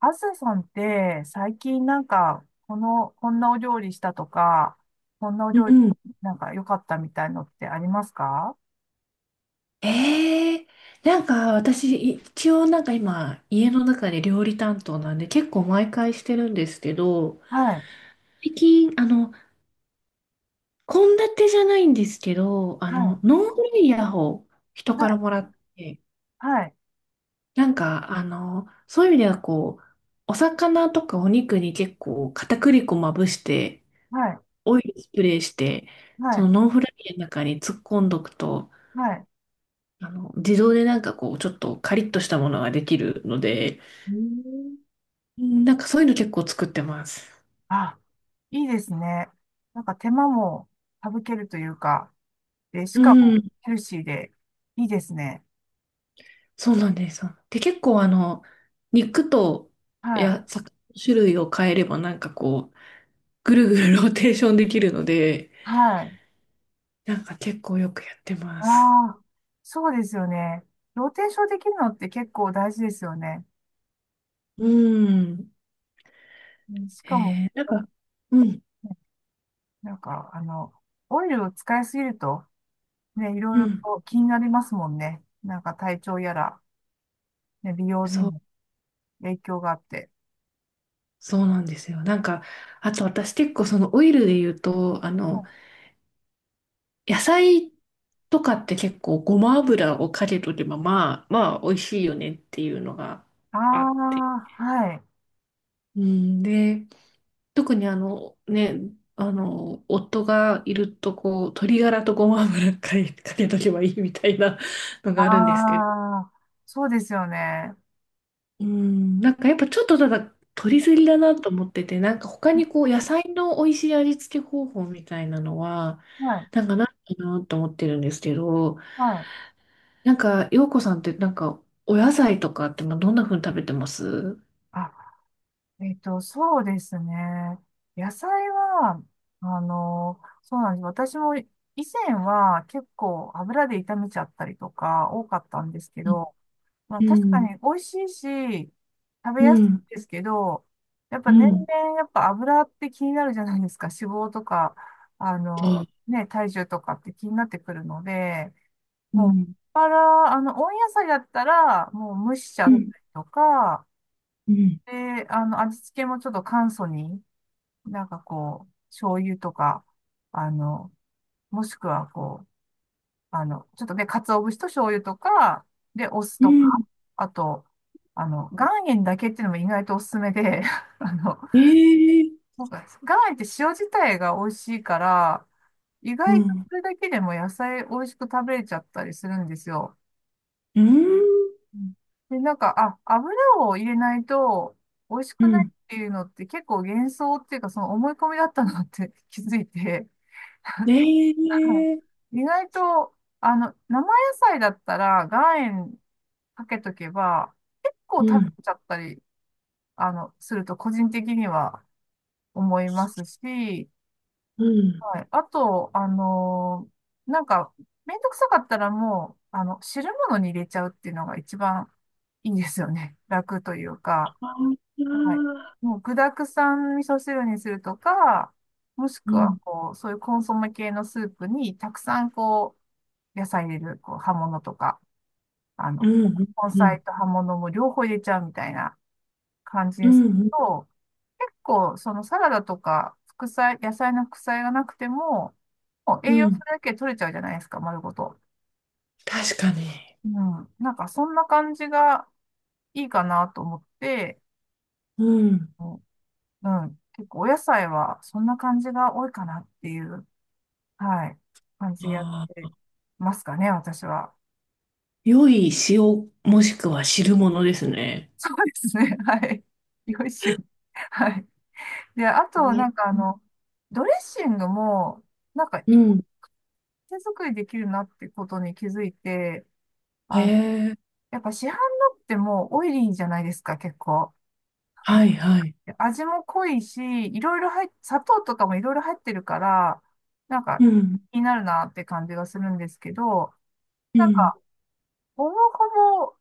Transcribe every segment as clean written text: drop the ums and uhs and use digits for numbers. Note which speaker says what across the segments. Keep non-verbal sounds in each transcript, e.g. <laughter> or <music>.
Speaker 1: あずささんって最近こんなお料理したとか、こんなお
Speaker 2: う
Speaker 1: 料理
Speaker 2: ん。
Speaker 1: 良かったみたいのってありますか？
Speaker 2: ええ、なんか私、一応なんか今、家の中で料理担当なんで結構毎回してるんですけど、
Speaker 1: はい、
Speaker 2: 最近、献立じゃないんですけど、
Speaker 1: はい、
Speaker 2: ノンフライヤーを人
Speaker 1: は
Speaker 2: から
Speaker 1: い、
Speaker 2: もらって、
Speaker 1: はい、
Speaker 2: なんか、そういう意味ではこう、お魚とかお肉に結構片栗粉まぶして、
Speaker 1: はい、
Speaker 2: オイルスプレーして、
Speaker 1: は
Speaker 2: その
Speaker 1: い、
Speaker 2: ノンフライヤーの中に突っ込んどくと、
Speaker 1: はい。
Speaker 2: 自動でなんかこう、ちょっとカリッとしたものができるので、
Speaker 1: えー
Speaker 2: うん、なんかそういうの結構作ってます。
Speaker 1: あ、いいですね。なんか手間も省けるというか、で、し
Speaker 2: う
Speaker 1: かも
Speaker 2: ん。
Speaker 1: ヘルシーでいいですね。
Speaker 2: そうなんです。で、結構肉と、
Speaker 1: はい、
Speaker 2: や、魚の種類を変えればなんかこう、ぐるぐるローテーションできるので、
Speaker 1: はい。
Speaker 2: なんか結構よくやってま
Speaker 1: あ
Speaker 2: す。
Speaker 1: あ、そうですよね。ローテーションできるのって結構大事ですよね。
Speaker 2: うん。
Speaker 1: うん、しかも、
Speaker 2: なんか、うん、
Speaker 1: なんか、あの、オイルを使いすぎると、ね、いろい
Speaker 2: う
Speaker 1: ろ
Speaker 2: ん、
Speaker 1: と気になりますもんね。なんか体調やら、ね、美容に
Speaker 2: そう、
Speaker 1: も影響があって。
Speaker 2: そうなんですよ。なんか、あと私結構そのオイルで言うと、野菜とかって結構ごま油をかけとけば、まあ、美味しいよねっていうのが
Speaker 1: あ
Speaker 2: あって、
Speaker 1: あー、はい。
Speaker 2: うん、で、特にあのね、夫がいるとこう、鶏ガラとごま油かけとけばいいみたいなのがあるんです
Speaker 1: あ
Speaker 2: けど、
Speaker 1: あ、そうですよね。
Speaker 2: うん、なんかやっぱちょっとただ取りすぎだなと思ってて、なんか他にこう、野菜の美味しい味付け方法みたいなのは、
Speaker 1: はい、
Speaker 2: なんかないかなと思ってるんですけど、
Speaker 1: はい。
Speaker 2: なんか、洋子さんってなんか、お野菜とかってまあどんな風に食べてますう？
Speaker 1: あ、そうですね。野菜は、あの、そうなんです。私も以前は結構油で炒めちゃったりとか多かったんですけ
Speaker 2: ん、
Speaker 1: ど、まあ
Speaker 2: う
Speaker 1: 確か
Speaker 2: ん、
Speaker 1: に美味しいし、食べ
Speaker 2: う
Speaker 1: やす
Speaker 2: ん。
Speaker 1: いですけど、やっぱ
Speaker 2: う
Speaker 1: 年
Speaker 2: ん、
Speaker 1: 々やっぱ油って気になるじゃないですか。脂肪とか、あ
Speaker 2: そ
Speaker 1: の、
Speaker 2: う、
Speaker 1: ね、体重とかって気になってくるので、
Speaker 2: う
Speaker 1: もう、もっ
Speaker 2: ん、
Speaker 1: ぱら、あの、温野菜だったら、もう蒸しちゃ
Speaker 2: う
Speaker 1: っ
Speaker 2: ん、
Speaker 1: たりとか、
Speaker 2: うん。
Speaker 1: で、あの、味付けもちょっと簡素に、なんかこう、醤油とか、あの、もしくはこう、あの、ちょっとね鰹節と醤油とか、で、お酢
Speaker 2: う
Speaker 1: とか、
Speaker 2: ん。
Speaker 1: あと、あの、岩塩だけっていうのも意外とおすすめで、<laughs> あの、
Speaker 2: ええ、
Speaker 1: なんか岩塩って塩自体が美味しいから、意
Speaker 2: う
Speaker 1: 外と
Speaker 2: ん。
Speaker 1: それだけでも野菜美味しく食べれちゃったりするんですよ。
Speaker 2: うん。
Speaker 1: うん、で、油を入れないと美味し
Speaker 2: う
Speaker 1: くないっ
Speaker 2: ん。
Speaker 1: ていうのって結構幻想っていうか、その思い込みだったなって <laughs> 気づいて、
Speaker 2: え
Speaker 1: は
Speaker 2: え、
Speaker 1: い、意外と、あの、生野菜だったら岩塩かけとけば、結構食
Speaker 2: うん。
Speaker 1: べちゃったり、あの、すると個人的には思いますし、
Speaker 2: うん。
Speaker 1: はい。あと、あのー、なんか、めんどくさかったらもう、あの、汁物に入れちゃうっていうのが一番いいですよね。<laughs> 楽というか、
Speaker 2: あ
Speaker 1: はい。
Speaker 2: あ。
Speaker 1: もう具沢山味噌汁にするとか、もし
Speaker 2: う
Speaker 1: くは、
Speaker 2: ん。
Speaker 1: こう、そういうコンソメ系のスープにたくさん、こう、野菜入れる、こう、葉物とか、あ
Speaker 2: う
Speaker 1: の、
Speaker 2: ん。
Speaker 1: 根
Speaker 2: うん。
Speaker 1: 菜と葉物も両方入れちゃうみたいな。感じ
Speaker 2: う
Speaker 1: です
Speaker 2: ん。
Speaker 1: と、結構そのサラダとか副菜、野菜の副菜がなくても、もう
Speaker 2: う
Speaker 1: 栄養素
Speaker 2: ん。
Speaker 1: だけ取れちゃうじゃないですか、丸ごと。
Speaker 2: 確かに。
Speaker 1: うん。なんかそんな感じがいいかなと思って、
Speaker 2: うん。
Speaker 1: うん。うん、結構お野菜はそんな感じが多いかなっていう、はい、感じでやっ
Speaker 2: あ
Speaker 1: て
Speaker 2: あ。
Speaker 1: ますかね、私は。
Speaker 2: 良い塩もしくは汁物ですね。
Speaker 1: そうですね、<laughs> はい。よいしょ。はい。で、あと、
Speaker 2: ね。
Speaker 1: なんかあの、ドレッシングも、なんか
Speaker 2: う
Speaker 1: い
Speaker 2: ん。
Speaker 1: 手作りできるなってことに気づいて、
Speaker 2: へ
Speaker 1: あ、
Speaker 2: え。
Speaker 1: やっぱ市販のってもうオイリーじゃないですか、結構。
Speaker 2: はい、はい。
Speaker 1: で味も濃いし、いろいろ入っ、砂糖とかもいろいろ入ってるから、なんか
Speaker 2: うん。
Speaker 1: 気になるなって感じがするんですけど、
Speaker 2: う
Speaker 1: なん
Speaker 2: ん。
Speaker 1: か、ほぼほぼ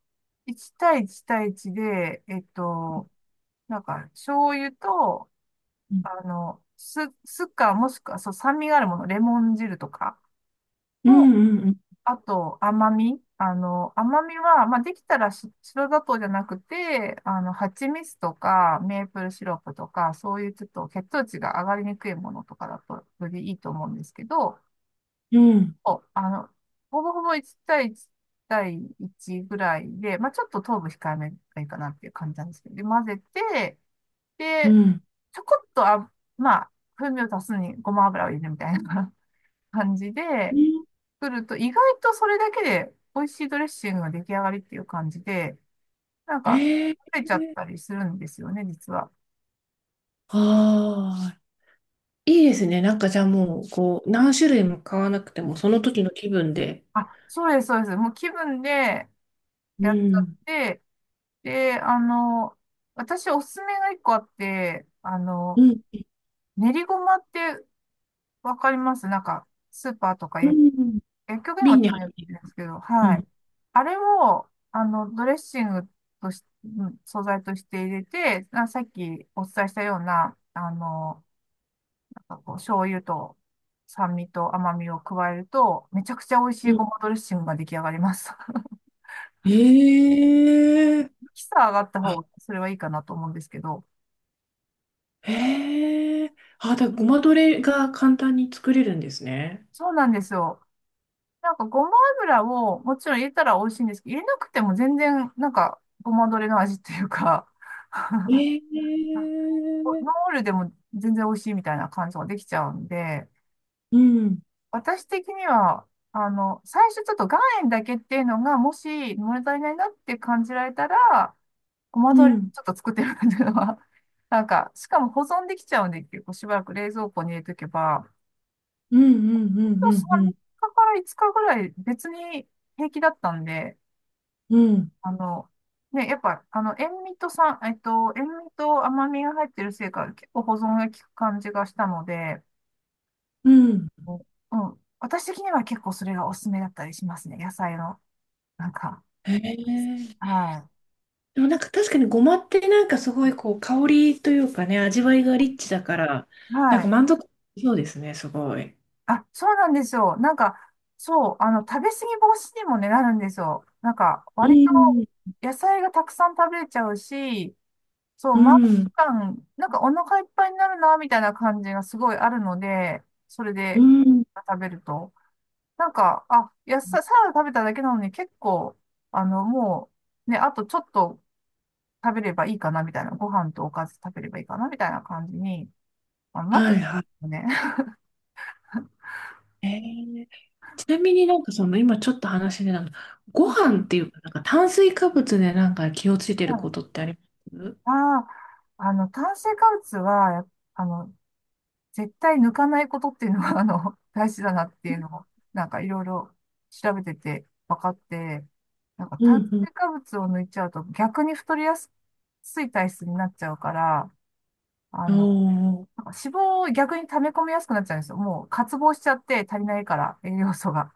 Speaker 1: 1対1対1で、えっと、なんか、醤油と、
Speaker 2: うん。
Speaker 1: あの、酢かもしくは、そう、酸味があるもの、レモン汁とか、
Speaker 2: うん。
Speaker 1: あと、甘み。あの、甘みは、まあ、できたら白砂糖じゃなくて、あの、蜂蜜とか、メープルシロップとか、そういうちょっと血糖値が上がりにくいものとかだと、よりいいと思うんですけど、
Speaker 2: うん。
Speaker 1: お、あの、ほぼほぼ1対1対1ぐらいで、まあ、ちょっと糖分控えめがいいかなっていう感じなんですけど、で、混ぜて、
Speaker 2: う
Speaker 1: で、
Speaker 2: ん。
Speaker 1: ちょこっとあ、まあ、風味を足すにごま油を入れるみたいな <laughs> 感じ
Speaker 2: う
Speaker 1: で、
Speaker 2: ん。
Speaker 1: 作ると、意外とそれだけで美味しいドレッシングが出来上がりっていう感じで、なんか、
Speaker 2: ええ。
Speaker 1: 食べちゃったりするんですよね、実は。
Speaker 2: ああ。いいですね。なんかじゃあもう、こう、何種類も買わなくても、その時の気分で。
Speaker 1: そうです、そうです。もう気分で
Speaker 2: う
Speaker 1: やっちゃっ
Speaker 2: ん。
Speaker 1: て、で、あの、私おすすめが一個あって、あ
Speaker 2: う
Speaker 1: の、
Speaker 2: ん。
Speaker 1: 練りごまってわかります、なんか、スーパーとか
Speaker 2: う
Speaker 1: 薬
Speaker 2: ん。
Speaker 1: 薬局にも
Speaker 2: 瓶
Speaker 1: た
Speaker 2: に
Speaker 1: ま
Speaker 2: 入
Speaker 1: に売っ
Speaker 2: ってる。
Speaker 1: てるんですけど、
Speaker 2: う
Speaker 1: は
Speaker 2: ん。
Speaker 1: い。あれを、あの、ドレッシングとし、うん素材として入れて、さっきお伝えしたような、あの、こう醤油と酸味と甘みを加えると、めちゃくちゃ美味しい
Speaker 2: うん。
Speaker 1: ごまドレッシングが出来上がります。<laughs>
Speaker 2: ええ、
Speaker 1: キサ上がった
Speaker 2: あ、
Speaker 1: 方がそれはいいかなと思うんですけど。
Speaker 2: へえ、あ、だからごまドレが簡単に作れるんですね。
Speaker 1: そうなんですよ。なんかごま油をもちろん入れたら美味しいんですけど、入れなくても全然なんかごまドレの味っていうか、
Speaker 2: ええ、
Speaker 1: ノーオイルでも全然美味しいみたいな感じができちゃうんで、
Speaker 2: うん。
Speaker 1: 私的には、あの、最初ちょっと岩塩だけっていうのが、もし物足りないなって感じられたら、ごま
Speaker 2: う
Speaker 1: 豆腐
Speaker 2: ん。
Speaker 1: ちょっと作ってるっていうのは、<laughs> なんか、しかも保存できちゃうんで、結構しばらく冷蔵庫に入れとけば、
Speaker 2: うん。うん。う
Speaker 1: 今
Speaker 2: ん。う
Speaker 1: 日3
Speaker 2: ん。
Speaker 1: 日かから5日ぐらい別に平気だったんで、
Speaker 2: うん。うん。
Speaker 1: あの、ね、やっぱ、あの、塩味と甘みが入ってるせいか、結構保存が効く感じがしたので、
Speaker 2: うん。
Speaker 1: うん、私的には結構それがおすすめだったりしますね、野菜の。なんか、
Speaker 2: へえ、
Speaker 1: は
Speaker 2: でもなんか確かにごまってなんかすごいこう香りというかね、味わいがリッチだから、
Speaker 1: い。
Speaker 2: な
Speaker 1: は
Speaker 2: んか
Speaker 1: い。
Speaker 2: 満足そうですね、すごい。
Speaker 1: あ、そうなんですよ。なんか、そう、あの、食べ過ぎ防止にもね、なるんですよ。なんか、
Speaker 2: う
Speaker 1: 割と
Speaker 2: ん、
Speaker 1: 野菜がたくさん食べれちゃうし、そう、
Speaker 2: う
Speaker 1: 満
Speaker 2: ん、
Speaker 1: 腹感、なんかお腹いっぱいになるな、みたいな感じがすごいあるので、それ
Speaker 2: う
Speaker 1: で
Speaker 2: ん。
Speaker 1: 食べると。なんか、あ、野菜、サラダ食べただけなのに結構、あの、もう、ね、あとちょっと食べればいいかな、みたいな。ご飯とおかず食べればいいかな、みたいな感じに、あの、なっ
Speaker 2: は
Speaker 1: てる
Speaker 2: い、は
Speaker 1: んですよね。
Speaker 2: い。ーちなみになんかその今ちょっと話でなんか、
Speaker 1: <laughs> う
Speaker 2: ご
Speaker 1: ん、
Speaker 2: 飯っていうか、なんか炭水化物でなんか気をついて
Speaker 1: う
Speaker 2: るこ
Speaker 1: ん、
Speaker 2: とってあります
Speaker 1: ああ、あの、炭水化物は、あの、絶対抜かないことっていうのが <laughs> あの、大事だなっていうのを、なんかいろいろ調べてて分かって、なんか
Speaker 2: う？
Speaker 1: 炭
Speaker 2: ん
Speaker 1: 水化物を抜いちゃうと逆に太りやすい体質になっちゃうから、あ
Speaker 2: う
Speaker 1: の、
Speaker 2: ん。おー。
Speaker 1: なんか脂肪を逆に溜め込みやすくなっちゃうんですよ。もう渇望しちゃって足りないから、栄養素が。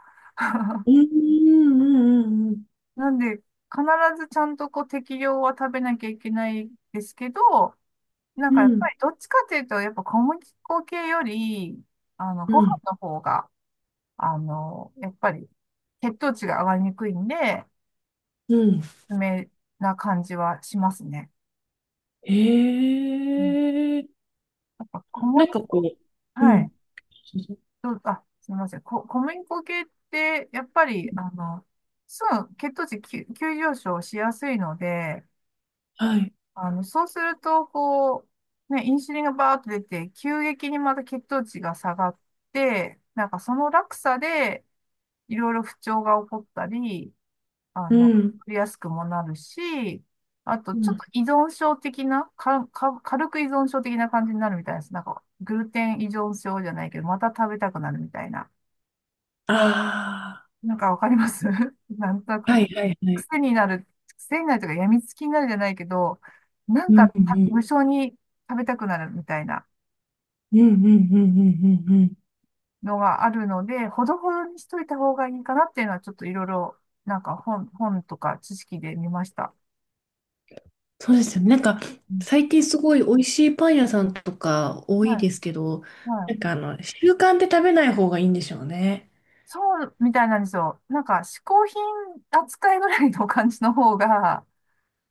Speaker 2: うんうんうんうん
Speaker 1: なんで、必ずちゃんとこう適量は食べなきゃいけないですけど、なん
Speaker 2: う
Speaker 1: かやっ
Speaker 2: ん。
Speaker 1: ぱりどっちかというと、やっぱ小麦粉系より、あの、
Speaker 2: う
Speaker 1: ご飯
Speaker 2: ん
Speaker 1: の方が、あの、やっぱり血糖値が上がりにくいんで、
Speaker 2: うん。
Speaker 1: 梅な感じはしますね。
Speaker 2: え
Speaker 1: うん。
Speaker 2: ー。
Speaker 1: やっぱ小
Speaker 2: なん
Speaker 1: 麦、
Speaker 2: かこう、う
Speaker 1: は
Speaker 2: ん。
Speaker 1: い。どう、あ、すみません。小麦粉系って、やっぱり、あの、すぐ血糖値急、急上昇しやすいので、
Speaker 2: はい。
Speaker 1: あの、そうすると、こう、ね、インシュリンがバーッと出て、急激にまた血糖値が下がって、なんかその落差で、いろいろ不調が起こったり、あ
Speaker 2: う
Speaker 1: の、
Speaker 2: ん。
Speaker 1: 取りやすくもなるし、あと、
Speaker 2: う
Speaker 1: ちょっ
Speaker 2: ん。
Speaker 1: と依存症的な、か、か、軽く依存症的な感じになるみたいです。なんか、グルテン依存症じゃないけど、また食べたくなるみたいな。
Speaker 2: あ
Speaker 1: なんかわかります <laughs> なんとなく、
Speaker 2: あ、はい、はい、はい。
Speaker 1: 癖になる、癖になるというか、病みつきになるじゃないけど、なん
Speaker 2: う
Speaker 1: か
Speaker 2: んう
Speaker 1: た
Speaker 2: ん。
Speaker 1: 無性に食べたくなるみたいな
Speaker 2: うんうんうんうんうんうん。
Speaker 1: のがあるので、ほどほどにしといた方がいいかなっていうのは、ちょっといろいろ、本とか知識で見ました。
Speaker 2: そうですよね。なんか、
Speaker 1: うん、
Speaker 2: 最近すごい美味しいパン屋さんとか多い
Speaker 1: は
Speaker 2: で
Speaker 1: い
Speaker 2: すけど、
Speaker 1: はい。
Speaker 2: なんかあの、習慣で食べない方がいいんでしょうね。
Speaker 1: そうみたいなんですよ。なんか、嗜好品扱いぐらいの感じの方が、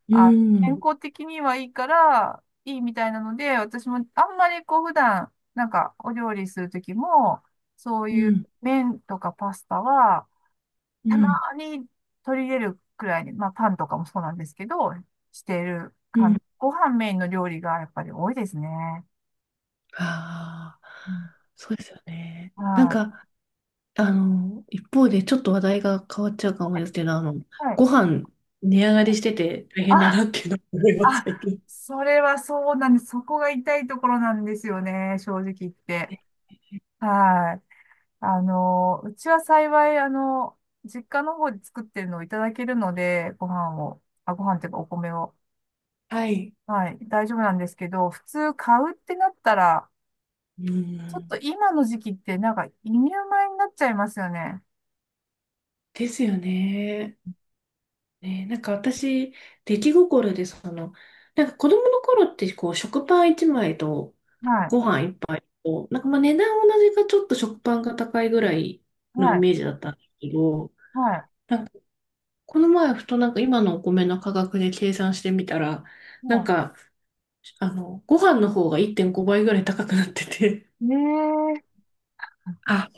Speaker 2: う
Speaker 1: あ、健
Speaker 2: ん。
Speaker 1: 康的にはいいから、いいみたいなので、私もあんまりこう、普段、なんか、お料理するときも、そう
Speaker 2: う
Speaker 1: いう
Speaker 2: ん。
Speaker 1: 麺とかパスタは、
Speaker 2: う
Speaker 1: たま
Speaker 2: ん。
Speaker 1: に取り入れるくらいに、まあ、パンとかもそうなんですけど、している
Speaker 2: う
Speaker 1: 感
Speaker 2: ん。
Speaker 1: じ。ご飯メインの料理がやっぱり多いですね。
Speaker 2: ああ、
Speaker 1: うん。
Speaker 2: そうですよね。なん
Speaker 1: は
Speaker 2: か、あの、一方でちょっと話題が変わっちゃうかも
Speaker 1: い。
Speaker 2: ですけど、あの、
Speaker 1: はい。はい。
Speaker 2: ご飯値上がりしてて大変だ
Speaker 1: あ、
Speaker 2: なっていうのを思います、
Speaker 1: あ、
Speaker 2: 最近。
Speaker 1: それはそうなんです。そこが痛いところなんですよね、正直言って。はい。あの、うちは幸い、あの、実家の方で作ってるのをいただけるので、ご飯を、あ、ご飯っていうかお米を。
Speaker 2: はい。
Speaker 1: はい、大丈夫なんですけど、普通買うってなったら、
Speaker 2: う
Speaker 1: ちょっ
Speaker 2: ん、
Speaker 1: と今の時期ってなんか輸入米になっちゃいますよね。
Speaker 2: ですよね。ね、なんか私、出来心でその、なんか子供の頃ってこう食パン1枚と
Speaker 1: はい、
Speaker 2: ご飯1杯と、なんかまあ値段同じかちょっと食パンが高いぐらい
Speaker 1: は
Speaker 2: のイ
Speaker 1: い、
Speaker 2: メージだったんですけど、
Speaker 1: はい、
Speaker 2: この前ふとなんか今のお米の価格で計算してみたら、なん
Speaker 1: は
Speaker 2: かあのご飯の方が1.5倍ぐらい高くなってて、
Speaker 1: い。ねえ、
Speaker 2: あ、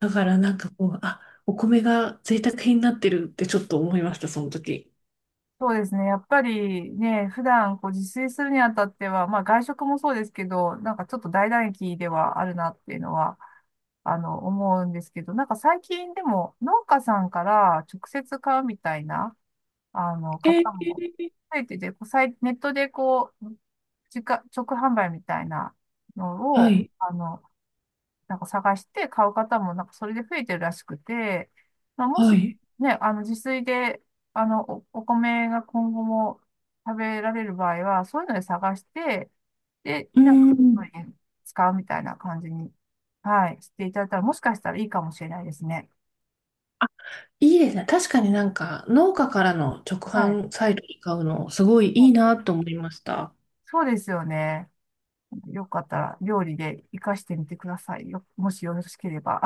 Speaker 2: だからなんかこう、あ、お米が贅沢品になってるってちょっと思いました、その時。
Speaker 1: そうですね。やっぱりね、普段こう自炊するにあたっては、まあ外食もそうですけど、なんかちょっと大打撃ではあるなっていうのは、あの、思うんですけど、なんか最近でも農家さんから直接買うみたいな、あの、
Speaker 2: え
Speaker 1: 方も
Speaker 2: ー、
Speaker 1: 増えてて、こうさいネットでこう、直販売みたいなの
Speaker 2: は
Speaker 1: を、
Speaker 2: い、
Speaker 1: あの、なんか探して買う方もなんかそれで増えてるらしくて、まあ、も
Speaker 2: は
Speaker 1: し
Speaker 2: い。
Speaker 1: ね、あの自炊で、あの、お米が今後も食べられる場合は、そういうので探して、で、
Speaker 2: う
Speaker 1: なんか、
Speaker 2: ー
Speaker 1: そう
Speaker 2: ん。
Speaker 1: いうの使うみたいな感じに、はい、していただいたら、もしかしたらいいかもしれないですね。
Speaker 2: あ、いいですね。確かになんか、農家からの直
Speaker 1: はい。
Speaker 2: 販サイトで買うの、すごいいいなと思いました。
Speaker 1: そうですよね。よかったら料理で活かしてみてくださいよ。もしよろしければ。